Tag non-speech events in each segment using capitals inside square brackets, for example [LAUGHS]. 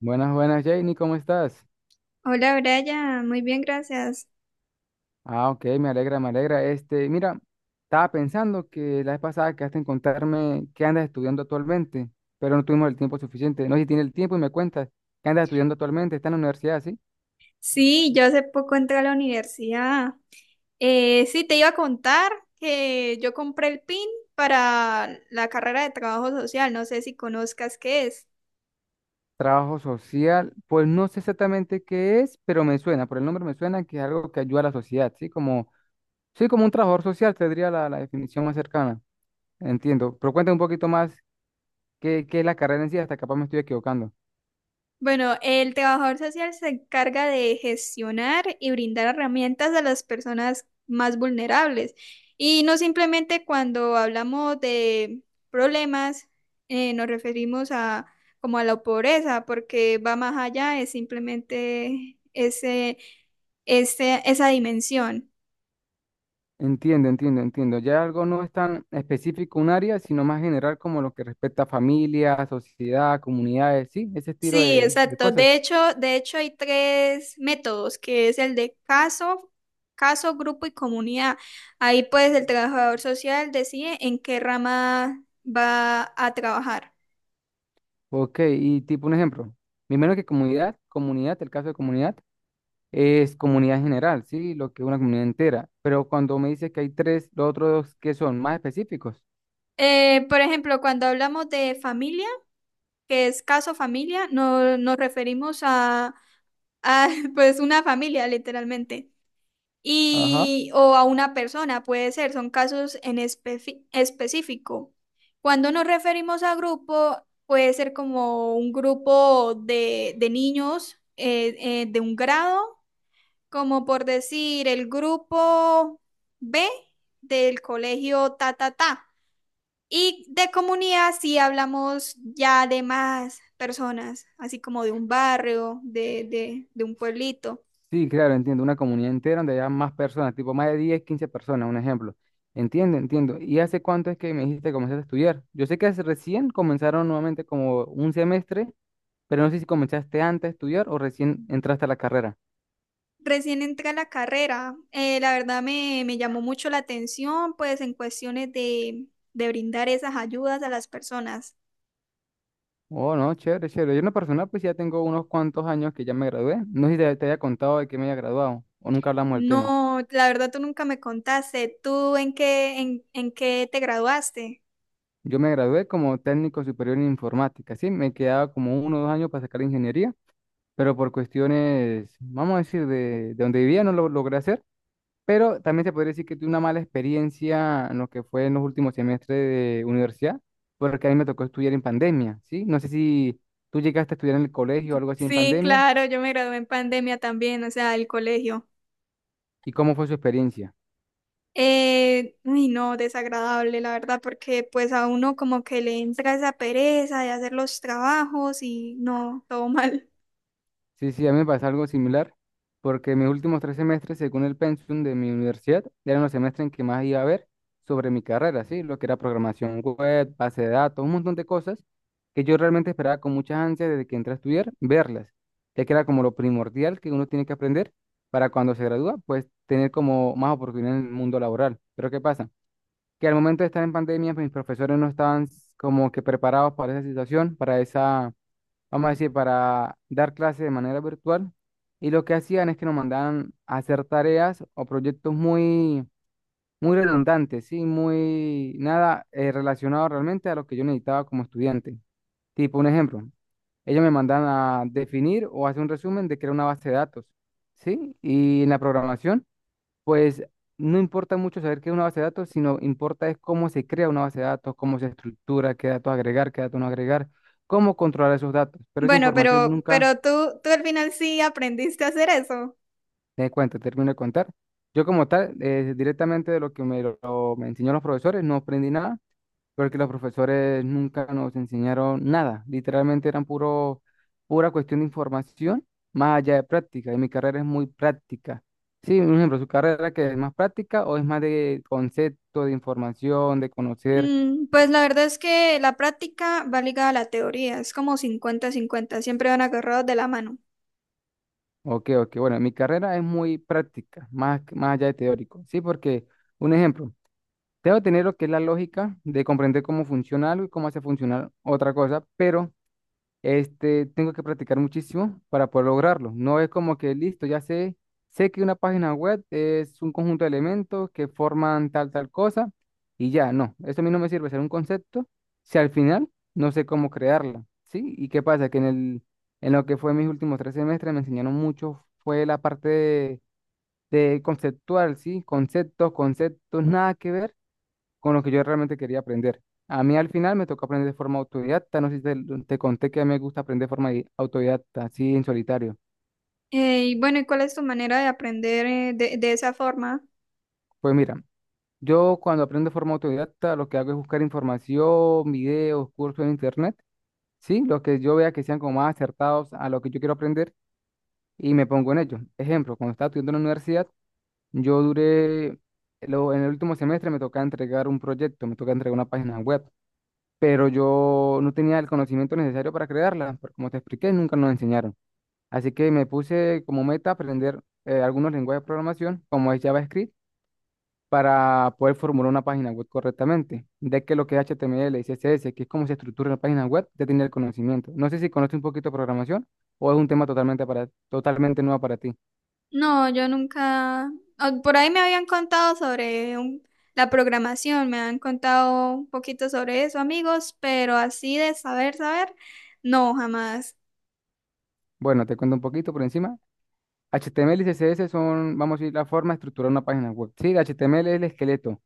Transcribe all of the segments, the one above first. Buenas, buenas, Janie, ¿cómo estás? Hola, Brian. Muy bien, gracias. Ah, ok, me alegra, me alegra. Este, mira, estaba pensando que la vez pasada quedaste en contarme qué andas estudiando actualmente, pero no tuvimos el tiempo suficiente. No sé si tienes el tiempo y me cuentas qué andas estudiando actualmente. Está en la universidad, ¿sí? Sí, yo hace poco entré a la universidad. Sí, te iba a contar que yo compré el PIN para la carrera de trabajo social. No sé si conozcas qué es. Trabajo social, pues no sé exactamente qué es, pero me suena, por el nombre me suena que es algo que ayuda a la sociedad, ¿sí? Como, sí, como un trabajador social, tendría la definición más cercana. Entiendo, pero cuéntame un poquito más qué es la carrera en sí, hasta capaz me estoy equivocando. Bueno, el trabajador social se encarga de gestionar y brindar herramientas a las personas más vulnerables. Y no simplemente cuando hablamos de problemas, nos referimos a como a la pobreza, porque va más allá, es simplemente esa dimensión. Entiendo, entiendo, entiendo. Ya algo no es tan específico un área, sino más general como lo que respecta a familia, sociedad, comunidades, sí, ese estilo Sí, de exacto. cosas. De hecho hay tres métodos, que es el de caso, grupo y comunidad. Ahí pues el trabajador social decide en qué rama va a trabajar. Ok, y tipo un ejemplo, mi menos que comunidad, comunidad, el caso de comunidad, es comunidad general, sí, lo que es una comunidad entera. Pero cuando me dices que hay tres, los otros dos que son más específicos. Por ejemplo, cuando hablamos de familia, que es caso familia, no, nos referimos a [LAUGHS] pues una familia, literalmente. Y o a una persona, puede ser, son casos en específico. Cuando nos referimos a grupo, puede ser como un grupo de niños de un grado, como por decir el grupo B del colegio ta ta ta. Y de comunidad si hablamos ya de más personas, así como de un barrio, de un pueblito. Sí, claro, entiendo. Una comunidad entera donde haya más personas, tipo más de 10, 15 personas, un ejemplo. Entiendo, entiendo. ¿Y hace cuánto es que me dijiste que comenzaste a estudiar? Yo sé que recién comenzaron nuevamente como un semestre, pero no sé si comenzaste antes a estudiar o recién entraste a la carrera. Recién entré a la carrera. La verdad me llamó mucho la atención, pues en cuestiones de brindar esas ayudas a las personas. Oh, no, chévere, chévere. Yo en lo personal pues ya tengo unos cuantos años que ya me gradué. No sé si te había contado de que me había graduado o nunca hablamos del tema. No, la verdad tú nunca me contaste. ¿Tú en qué te graduaste? Yo me gradué como técnico superior en informática, ¿sí? Me quedaba como 1 o 2 años para sacar ingeniería, pero por cuestiones, vamos a decir, de donde vivía no lo logré hacer, pero también se podría decir que tuve una mala experiencia en lo que fue en los últimos semestres de universidad, porque a mí me tocó estudiar en pandemia, ¿sí? No sé si tú llegaste a estudiar en el colegio o algo así en Sí, pandemia. claro, yo me gradué en pandemia también, o sea, del colegio. ¿Y cómo fue su experiencia? Uy, no, desagradable, la verdad, porque pues a uno como que le entra esa pereza de hacer los trabajos y no, todo mal. Sí, sí, a mí me pasa algo similar, porque mis últimos 3 semestres, según el pensum de mi universidad, eran los semestres en que más iba a ver sobre mi carrera, ¿sí? Lo que era programación web, base de datos, un montón de cosas que yo realmente esperaba con muchas ansias desde que entré a estudiar, verlas, ya que era como lo primordial que uno tiene que aprender para cuando se gradúa, pues tener como más oportunidades en el mundo laboral. Pero ¿qué pasa? Que al momento de estar en pandemia, pues mis profesores no estaban como que preparados para esa situación, para esa, vamos a decir, para dar clases de manera virtual. Y lo que hacían es que nos mandaban a hacer tareas o proyectos muy, muy redundantes, sí, muy nada relacionado realmente a lo que yo necesitaba como estudiante. Tipo, un ejemplo, ellos me mandan a definir o hacer un resumen de crear una base de datos, ¿sí? Y en la programación, pues no importa mucho saber qué es una base de datos, sino importa es cómo se crea una base de datos, cómo se estructura, qué datos agregar, qué datos no agregar, cómo controlar esos datos. Pero esa Bueno, información pero, nunca pero tú al final sí aprendiste a hacer eso. de cuenta, termino de contar. Yo como tal, directamente de lo que me enseñaron los profesores, no aprendí nada, porque los profesores nunca nos enseñaron nada. Literalmente eran puro, pura cuestión de información, más allá de práctica. Y mi carrera es muy práctica. Sí, un ejemplo, su carrera que es más práctica o es más de concepto, de información, de conocer. Pues la verdad es que la práctica va ligada a la teoría, es como 50-50. Siempre van agarrados de la mano. Ok, ok. Bueno, mi carrera es muy práctica, más allá de teórico. Sí, porque, un ejemplo. Debo tener lo que es la lógica de comprender cómo funciona algo y cómo hace funcionar otra cosa, pero este, tengo que practicar muchísimo para poder lograrlo. No es como que listo, ya sé, sé que una página web es un conjunto de elementos que forman tal cosa y ya, no. Eso a mí no me sirve ser un concepto si al final no sé cómo crearla, ¿sí? ¿Y qué pasa? Que en lo que fue mis últimos 3 semestres me enseñaron mucho, fue la parte de conceptual, ¿sí? Conceptos, conceptos, nada que ver con lo que yo realmente quería aprender. A mí al final me tocó aprender de forma autodidacta, no sé si te conté que a mí me gusta aprender de forma autodidacta, así en solitario. Y bueno, ¿y cuál es tu manera de aprender de esa forma? Pues mira, yo cuando aprendo de forma autodidacta lo que hago es buscar información, videos, cursos en internet, ¿sí? Los que yo vea que sean como más acertados a lo que yo quiero aprender y me pongo en ello. Ejemplo, cuando estaba estudiando en la universidad, yo duré, en el último semestre me tocaba entregar un proyecto, me tocaba entregar una página web, pero yo no tenía el conocimiento necesario para crearla, porque como te expliqué, nunca nos enseñaron. Así que me puse como meta aprender algunos lenguajes de programación, como es JavaScript, para poder formular una página web correctamente. De que lo que es HTML y CSS, que es cómo se estructura una página web, ya tenía el conocimiento. No sé si conoces un poquito de programación o es un tema totalmente nuevo para ti. No, yo nunca... Por ahí me habían contado sobre la programación, me han contado un poquito sobre eso, amigos, pero así de saber, saber, no, jamás. Bueno, te cuento un poquito por encima. HTML y CSS son, vamos a decir, la forma de estructurar una página web. Sí, HTML es el esqueleto.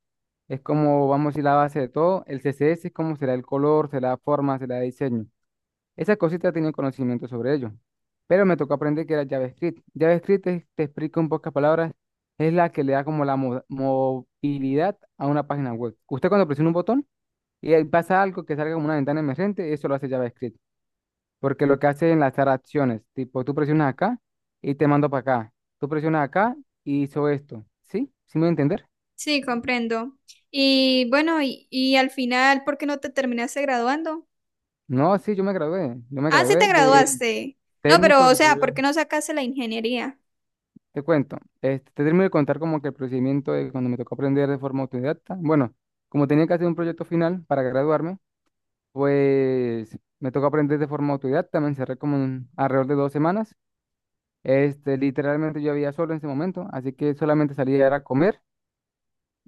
Es como, vamos a decir, la base de todo. El CSS es como será el color, será forma, será diseño. Esas cositas tienen conocimiento sobre ello. Pero me tocó aprender que era JavaScript. JavaScript, te explico en pocas palabras, es la que le da como la movilidad a una página web. Usted cuando presiona un botón y ahí pasa algo que salga como una ventana emergente, eso lo hace JavaScript. Porque lo que hace es enlazar acciones. Tipo, tú presionas acá y te mando para acá. Tú presionas acá y hizo esto. ¿Sí? ¿Sí me voy a entender? Sí, comprendo. Y bueno, y al final, ¿por qué no te terminaste graduando? No, sí, yo me gradué. Yo me Ah, sí te gradué de, graduaste. No, pero técnico o sea, ¿por superior, qué no sacaste la ingeniería? te cuento. Este, te termino de contar como que el procedimiento de cuando me tocó aprender de forma autodidacta. Bueno, como tenía que hacer un proyecto final para graduarme, pues me tocó aprender de forma autodidacta. Me encerré como en alrededor de 2 semanas. Este, literalmente yo había solo en ese momento, así que solamente salía era a comer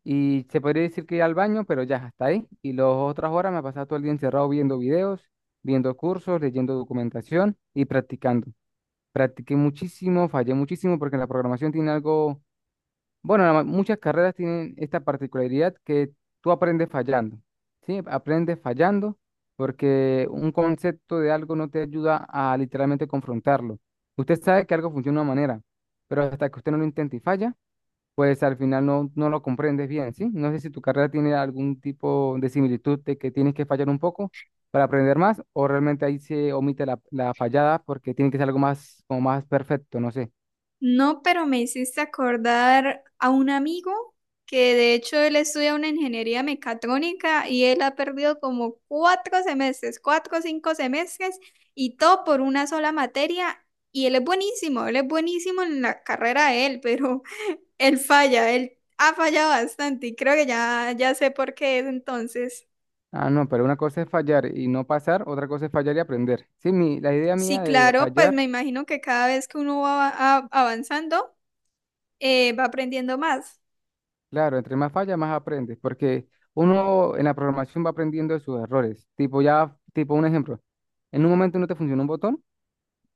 y se podría decir que iba al baño, pero ya hasta ahí. Y las otras horas me pasaba todo el día encerrado viendo videos, viendo cursos, leyendo documentación y practicando. Practiqué muchísimo, fallé muchísimo porque la programación tiene algo, bueno, muchas carreras tienen esta particularidad que tú aprendes fallando, ¿sí? Aprendes fallando porque un concepto de algo no te ayuda a literalmente confrontarlo. Usted sabe que algo funciona de una manera, pero hasta que usted no lo intenta y falla, pues al final no, no lo comprendes bien, ¿sí? No sé si tu carrera tiene algún tipo de similitud de que tienes que fallar un poco para aprender más o realmente ahí se omite la fallada porque tiene que ser algo más, como más perfecto, no sé. No, pero me hiciste acordar a un amigo que de hecho él estudia una ingeniería mecatrónica y él ha perdido como cuatro semestres, cuatro o cinco semestres y todo por una sola materia. Y él es buenísimo en la carrera de él, pero... Él falla, él ha fallado bastante y creo que ya, ya sé por qué es entonces. Ah, no, pero una cosa es fallar y no pasar, otra cosa es fallar y aprender. Sí, mi, la idea mía Sí, de claro, pues me fallar, imagino que cada vez que uno avanzando, va aprendiendo más. claro, entre más falla, más aprendes, porque uno en la programación va aprendiendo de sus errores. Tipo, ya, tipo un ejemplo, en un momento no te funcionó un botón.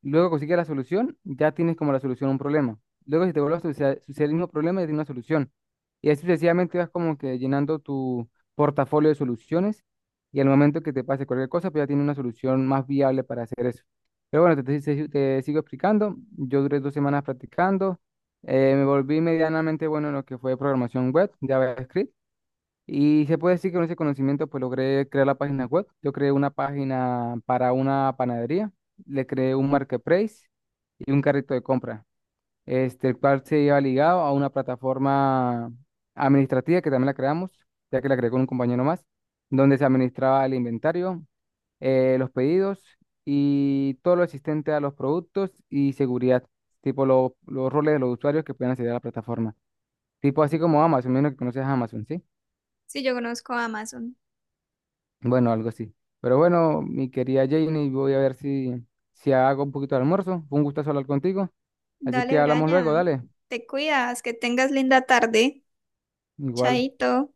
Luego consigues la solución, ya tienes como la solución a un problema. Luego si te vuelve a suceder, el mismo problema, ya tienes una solución. Y así sucesivamente vas como que llenando tu portafolio de soluciones y al momento que te pase cualquier cosa, pues ya tienes una solución más viable para hacer eso. Pero bueno, te sigo explicando. Yo duré 2 semanas practicando. Me volví medianamente bueno en lo que fue programación web, JavaScript. Y se puede decir que con ese conocimiento pues logré crear la página web. Yo creé una página para una panadería, le creé un marketplace y un carrito de compra, este, el cual se iba ligado a una plataforma administrativa que también la creamos, ya que la creé con un compañero más, donde se administraba el inventario, los pedidos y todo lo existente a los productos y seguridad, tipo los roles de los usuarios que puedan acceder a la plataforma. Tipo así como Amazon, menos que conoces a Amazon, ¿sí? Sí, yo conozco a Amazon. Bueno, algo así. Pero bueno, mi querida Janie, voy a ver si, si hago un poquito de almuerzo. Fue un gustazo hablar contigo. Así Dale, que hablamos luego, Brian, dale. te cuidas, que tengas linda tarde. Igual. Chaito.